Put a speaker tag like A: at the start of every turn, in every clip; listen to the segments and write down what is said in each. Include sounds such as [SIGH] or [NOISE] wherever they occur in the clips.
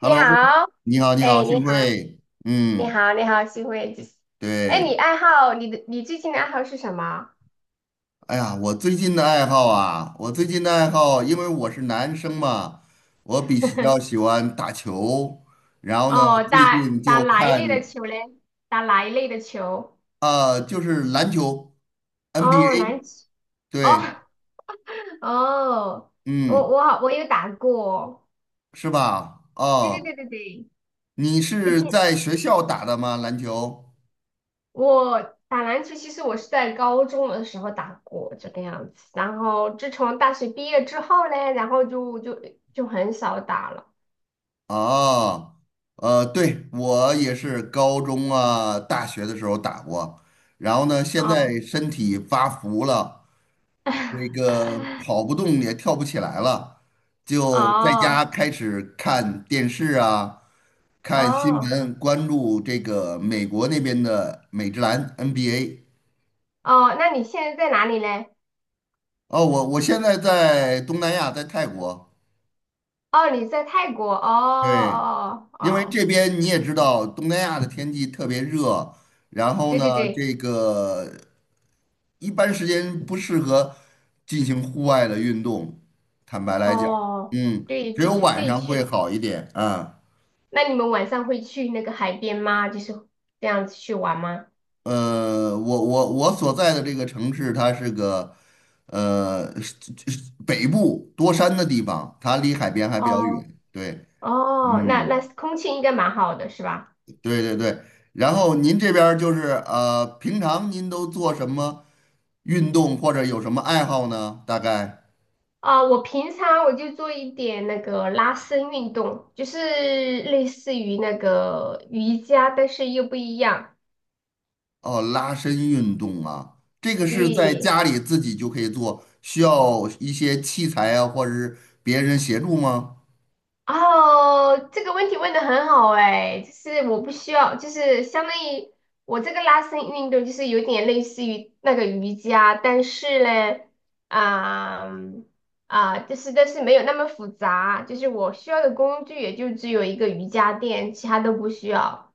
A: 你 好，
B: 你好，你好，
A: 哎，你
B: 幸
A: 好，
B: 会。
A: 你
B: 嗯，
A: 好，你好，幸会。哎，
B: 对。
A: 你最近的爱好是什么？
B: 哎呀，我最近的爱好啊，我最近的爱好，因为我是男生嘛，我比较喜
A: [LAUGHS]
B: 欢打球。然后呢，
A: 哦，
B: 最
A: 打
B: 近
A: 打
B: 就
A: 哪一类的
B: 看
A: 球嘞？打哪一类的球？
B: 就是篮球
A: 哦，篮
B: ，NBA。
A: 球。哦
B: 对。
A: [LAUGHS] 哦，我
B: 嗯，
A: 我好，我有打过。
B: 是吧？
A: 对对
B: 哦，
A: 对对对，
B: 你
A: 那
B: 是
A: 天
B: 在学校打的吗？篮球？
A: 我打篮球，其实我是在高中的时候打过这个样子，然后自从大学毕业之后嘞，然后就很少打了。
B: 啊，对，我也是高中啊、大学的时候打过，然后呢，现
A: 哦。
B: 在身体发福了，那个
A: [LAUGHS]
B: 跑不动也跳不起来了，就在
A: 哦
B: 家开始看电视啊，看新
A: 哦
B: 闻，关注这个美国那边的美职篮 NBA。
A: 哦，那你现在在哪里嘞？
B: 哦，我现在在东南亚，在泰国。
A: 哦，你在泰国。哦
B: 对，
A: 哦哦
B: 因为
A: 哦
B: 这边你也知道，东南亚的天气特别热。然后
A: 对
B: 呢，
A: 对对，
B: 这个一般时间不适合进行户外的运动。坦白来讲，
A: 哦，
B: 嗯，
A: 对，
B: 只
A: 就
B: 有
A: 是可
B: 晚
A: 以
B: 上会
A: 去。
B: 好一点啊。
A: 那你们晚上会去那个海边吗？就是这样子去玩吗？
B: 我所在的这个城市，它是个呃是是北部多山的地方，它离海边还比较
A: 哦
B: 远。对。
A: 哦，那
B: 嗯。
A: 空气应该蛮好的，是吧？
B: 对对对。然后您这边儿就是平常您都做什么运动或者有什么爱好呢？大概
A: 啊、我平常就做一点那个拉伸运动，就是类似于那个瑜伽，但是又不一样。
B: 哦，拉伸运动啊，这个是在
A: 对，
B: 家里自己就可以做，需要一些器材啊，或者是别人协助吗？
A: 哦，这个问题问的很好哎，就是我不需要，就是相当于我这个拉伸运动，就是有点类似于那个瑜伽，但是呢，啊、就是但是没有那么复杂，就是我需要的工具也就只有一个瑜伽垫，其他都不需要。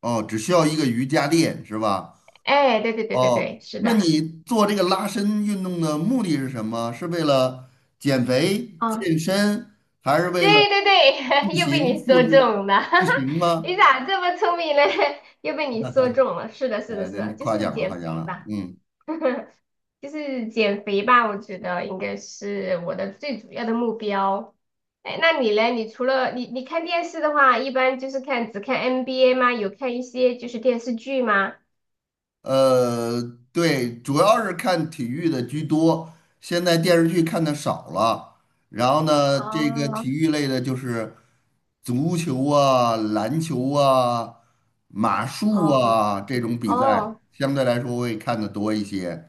B: 哦，只需要一个瑜伽垫是吧？
A: 哎，对对对对
B: 哦，
A: 对，是
B: 那
A: 的，
B: 你做这个拉伸运动的目的是什么？是为了减肥、
A: 嗯，
B: 健身，还是
A: 对
B: 为了
A: 对对，[LAUGHS]
B: 塑
A: 又被
B: 形、
A: 你
B: 复
A: 说
B: 制
A: 中了，[LAUGHS] 哈
B: 塑
A: 哈，
B: 形
A: 你
B: 吗？
A: 咋这么聪明呢？[LAUGHS] 又被你说中了，是的，是的，
B: 哎，
A: 是的，
B: 您
A: 就
B: 夸
A: 是
B: 奖了，
A: 减
B: 夸奖
A: 肥
B: 了。
A: 吧。
B: 嗯，
A: [LAUGHS] 就是减肥吧，我觉得应该是我的最主要的目标。哎，那你嘞？你除了你看电视的话，一般就是只看 NBA 吗？有看一些就是电视剧吗？
B: 呃，对，主要是看体育的居多，现在电视剧看的少了。然后呢，这个
A: 哦，
B: 体育类的就是足球啊、篮球啊、马术
A: 哦，
B: 啊这种比赛，
A: 哦
B: 相对来说会看的多一些。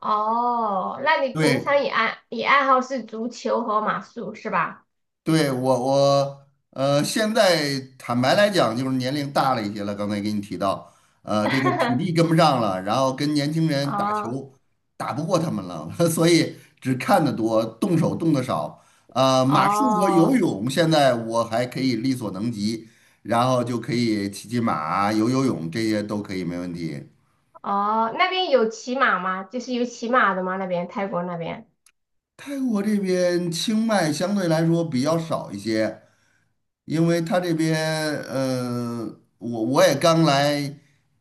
A: 哦，那你平常
B: 对。
A: 也爱你爱好是足球和马术是吧？
B: 对，我现在坦白来讲，就是年龄大了一些了。刚才给你提到，这个体力跟
A: [LAUGHS]
B: 不上了，然后跟年轻人打
A: 哦
B: 球打不过他们了，[LAUGHS] 所以只看得多，动手动得少。马术和
A: 哦
B: 游泳现在我还可以力所能及，然后就可以骑骑马、游游泳，这些都可以，没问题。
A: 哦，那边有骑马吗？就是有骑马的吗？那边泰国那边？
B: 泰国这边清迈相对来说比较少一些，因为他这边，呃，我也刚来，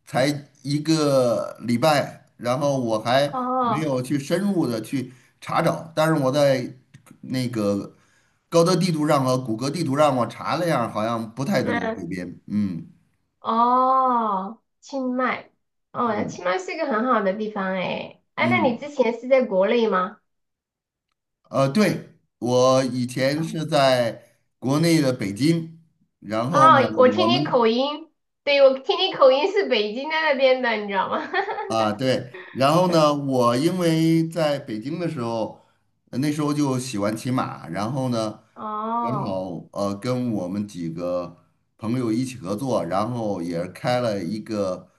B: 才一个礼拜，然后我还没
A: 哦，
B: 有去深入的去查找，但是我在那个高德地图上和谷歌地图上我查了一下，好像不太多这边。嗯
A: 哦，清迈，哦，
B: 嗯
A: 清迈是一个很好的地方诶。哎，那你之
B: 嗯，
A: 前是在国内吗？
B: 对，我以前是在国内的北京。然后呢，
A: 哦，我听
B: 我
A: 你
B: 们
A: 口音，对，我听你口音是北京的那边的，你知道吗？
B: 啊，对。然后呢，我因为在北京的时候，那时候就喜欢骑马。然后呢，
A: [LAUGHS]
B: 正
A: 哦，
B: 好跟我们几个朋友一起合作，然后也是开了一个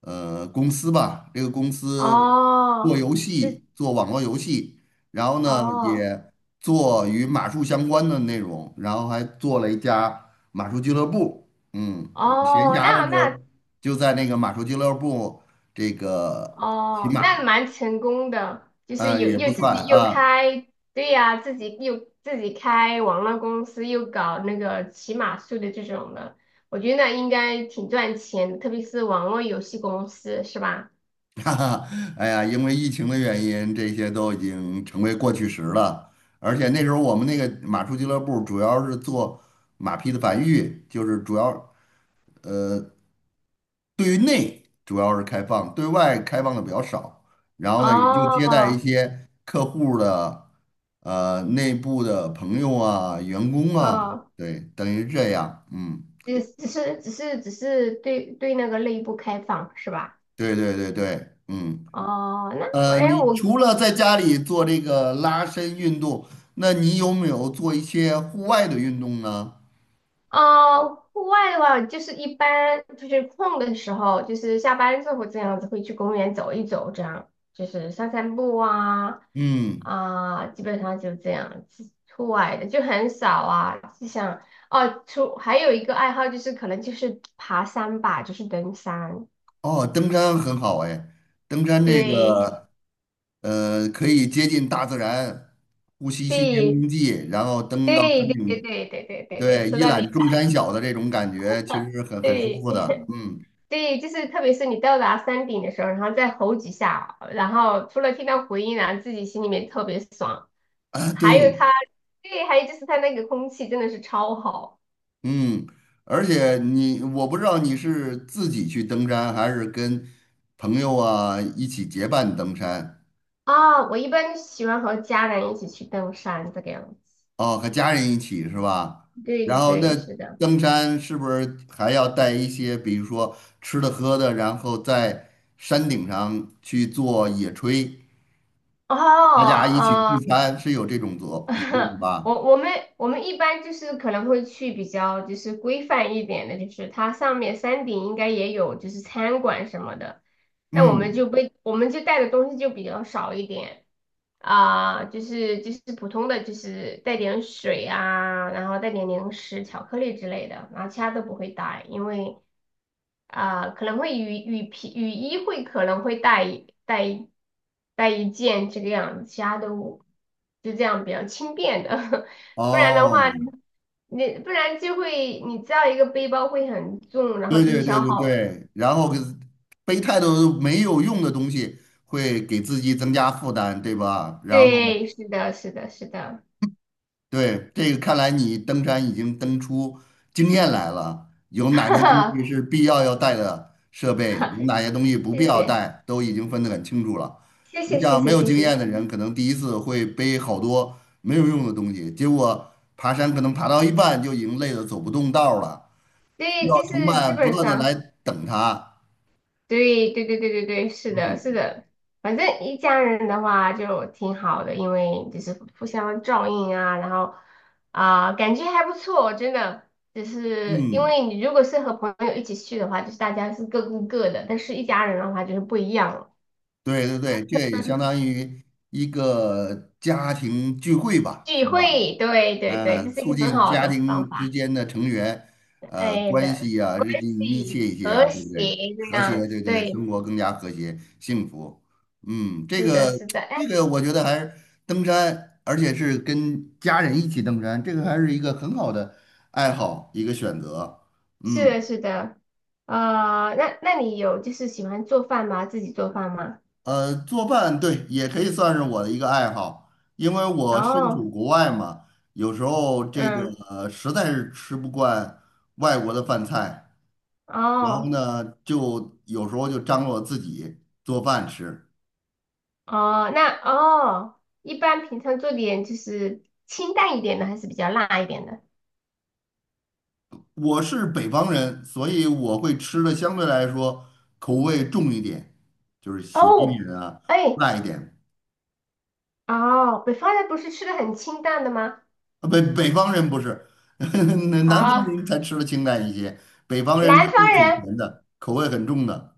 B: 公司吧。这个公司做
A: 哦，
B: 游
A: 是，
B: 戏，做网络游戏，然后呢
A: 哦，
B: 也做与马术相关的内容，然后还做了一家马术俱乐部。嗯，我闲
A: 哦，
B: 暇
A: 那
B: 的时
A: 那
B: 候就在那个马术俱乐部。这个骑
A: 哦，那
B: 马
A: 蛮成功的，就是
B: 啊，
A: 有
B: 也不
A: 又自
B: 算
A: 己又
B: 啊，
A: 开，对呀、自己开网络公司，又搞那个骑马术的这种的，我觉得那应该挺赚钱的特别是网络游戏公司，是吧？
B: [LAUGHS] 哈哈。哎呀，因为疫情的原因，这些都已经成为过去时了。而且那时候我们那个马术俱乐部主要是做马匹的繁育，就是主要呃对于内主要是开放，对外开放的比较少。然后呢，也就接待一
A: 哦
B: 些客户的内部的朋友啊、员工啊。
A: 哦，
B: 对，等于是这样。嗯，
A: 只是对那个内部开放是吧？
B: 对对对对。嗯。
A: 哦，那我哎，
B: 你
A: 我
B: 除了在家里做这个拉伸运动，那你有没有做一些户外的运动呢？
A: 呃，户外的话，就是一般就是空的时候，就是下班之后这样子会去公园走一走，这样就是散散步啊
B: 嗯。
A: 啊，基本上就这样子。户外的就很少啊，就像哦，还有一个爱好就是可能就是爬山吧，就是登山。
B: 哦，登山很好哎。登山这个
A: 对
B: 可以接近大自然，呼吸新鲜
A: 对
B: 空气，然后登到
A: 对
B: 山
A: 对对
B: 顶。
A: 对对对对对，
B: 对，
A: 说
B: 一
A: 到
B: 览
A: 点，
B: 众山小的这种感觉，其实是
A: [LAUGHS]
B: 很舒
A: 对。
B: 服的。嗯。
A: 对，就是特别是你到达山顶的时候，然后再吼几下，然后除了听到回音然后自己心里面特别爽。
B: 啊，对。
A: 还有它，对，还有就是它那个空气真的是超好
B: 嗯，而且你，我不知道你是自己去登山，还是跟朋友啊一起结伴登山。
A: 啊！我一般喜欢和家人一起去登山这个样子。
B: 哦，和家人一起是吧？
A: 对
B: 然
A: 对
B: 后那
A: 对，是的。
B: 登山是不是还要带一些，比如说吃的喝的，然后在山顶上去做野炊，大
A: 哦，
B: 家一起聚餐，是有这种这种
A: [LAUGHS]
B: 吧？
A: 我我们我们一般就是可能会去比较就是规范一点的，就是它上面山顶应该也有就是餐馆什么的，那我们
B: 嗯。
A: 就不我们就带的东西就比较少一点。啊、就是普通的，就是带点水啊，然后带点零食、巧克力之类的，然后其他都不会带，因为啊、可能会雨衣会可能会带一件这个样子，其他都就这样比较轻便的，[LAUGHS] 不然的话，
B: 哦，
A: 你不然就会你知道一个背包会很重，然后
B: 对
A: 就会
B: 对
A: 消
B: 对对
A: 耗。
B: 对。然后给背太多没有用的东西，会给自己增加负担，对吧？然
A: 对，
B: 后
A: 是的，是的，是的，
B: 对，这个看来你登山已经登出经验来了，有
A: [LAUGHS]
B: 哪些东
A: 哈
B: 西是必要要带的设备，
A: 哈
B: 有哪些东西不
A: 谢
B: 必要
A: 谢，
B: 带，都已经分得很清楚了。
A: 谢谢，
B: 那
A: 谢
B: 像
A: 谢，
B: 没有
A: 谢
B: 经
A: 谢。
B: 验的人，可能第一次会背好多没有用的东西，结果爬山可能爬到一半就已经累得走不动道儿了，需
A: 对，
B: 要
A: 就
B: 同
A: 是基
B: 伴不
A: 本
B: 断的
A: 上，
B: 来等他。
A: 对对对对对对，是的，
B: 嗯
A: 是的，反正一家人的话就挺好的，因为就是互相照应啊，然后啊、感觉还不错，真的。只是因
B: 嗯，
A: 为你如果是和朋友一起去的话，就是大家是各顾各的，但是一家人的话就是不一样了。
B: 对对对，这也相当
A: [LAUGHS]
B: 于一个家庭聚会吧，
A: 聚
B: 是吧？
A: 会，对对对，这
B: 嗯，
A: 是一
B: 促
A: 个很
B: 进
A: 好
B: 家
A: 的方
B: 庭之
A: 法，
B: 间的成员
A: 哎
B: 关
A: 的，
B: 系啊
A: 关
B: 日益密
A: 系
B: 切一些啊，
A: 和
B: 对不对？
A: 谐这
B: 和
A: 样
B: 谐，
A: 子，
B: 对对，
A: 对，
B: 生活更加和谐幸福。嗯，这
A: 是的，
B: 个
A: 是的。
B: 这个我觉得还是登山，而且是跟家人一起登山，这个还是一个很好的爱好，一个选择。
A: 是
B: 嗯。
A: 的，是的，啊，那你有就是喜欢做饭吗？自己做饭吗？
B: 做饭对也可以算是我的一个爱好，因为我身
A: 哦，
B: 处国外嘛。有时候这个
A: 嗯，
B: 实在是吃不惯外国的饭菜。然后
A: 哦，
B: 呢，就有时候就张罗自己做饭吃。
A: 哦，那哦，一般平常做点就是清淡一点的，还是比较辣一点的？
B: 我是北方人，所以我会吃的相对来说口味重一点，就是咸一
A: 哦，
B: 点啊，
A: 哎，
B: 辣一点。
A: 哦，北方人不是吃的很清淡的吗？
B: 啊，北方人不是，[LAUGHS] 南方
A: 啊、
B: 人才吃的清淡一些，北方人
A: 南
B: 吃
A: 方
B: 的很
A: 人，
B: 咸的，口味很重的。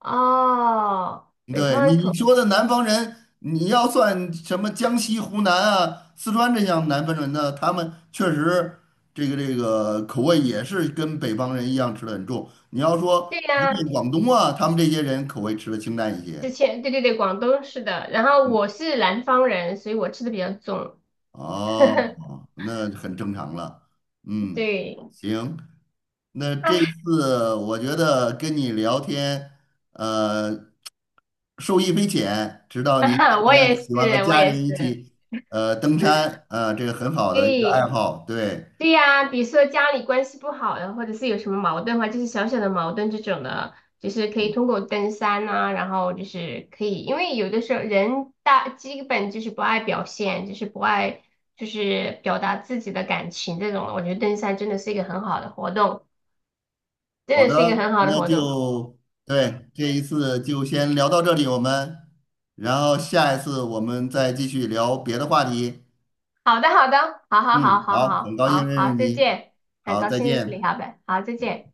A: 哦，北
B: 对
A: 方
B: 你
A: 人
B: 你
A: 口，
B: 说的南方人，你要算什么江西、湖南啊、四川这样南方人呢？他们确实这个口味也是跟北方人一样吃的很重。你要说
A: 对
B: 福建、
A: 呀、
B: 广东啊，他们这些人口味吃的清淡一
A: 之
B: 些。
A: 前对对对，广东是的，然后我是南方人，所以我吃的比较重，
B: 哦，那很正常了。
A: [LAUGHS]
B: 嗯，
A: 对。
B: 行，那这次我觉得跟你聊天，呃，受益匪浅。知道您
A: [LAUGHS]
B: 这
A: 我
B: 边
A: 也是，
B: 喜欢和
A: 我
B: 家
A: 也是，
B: 人一
A: 对，
B: 起，登山，这个很好的一个爱好。对。
A: 对呀、比如说家里关系不好的，或者是有什么矛盾的话，就是小小的矛盾这种的，就是可以通过登山啊，然后就是可以，因为有的时候人大基本就是不爱表现，就是不爱就是表达自己的感情这种的我觉得登山真的是一个很好的活动，真
B: 好
A: 的是一个很
B: 的，
A: 好的
B: 那
A: 活动。
B: 就对，这一次就先聊到这里，然后下一次我们再继续聊别的话题。
A: 好的，好的，好好好
B: 嗯，
A: 好
B: 好，很
A: 好
B: 高
A: 好
B: 兴认
A: 好，
B: 识
A: 再
B: 你，
A: 见，很
B: 好，
A: 高
B: 再
A: 兴认识你，
B: 见。
A: 好呗，好，再见。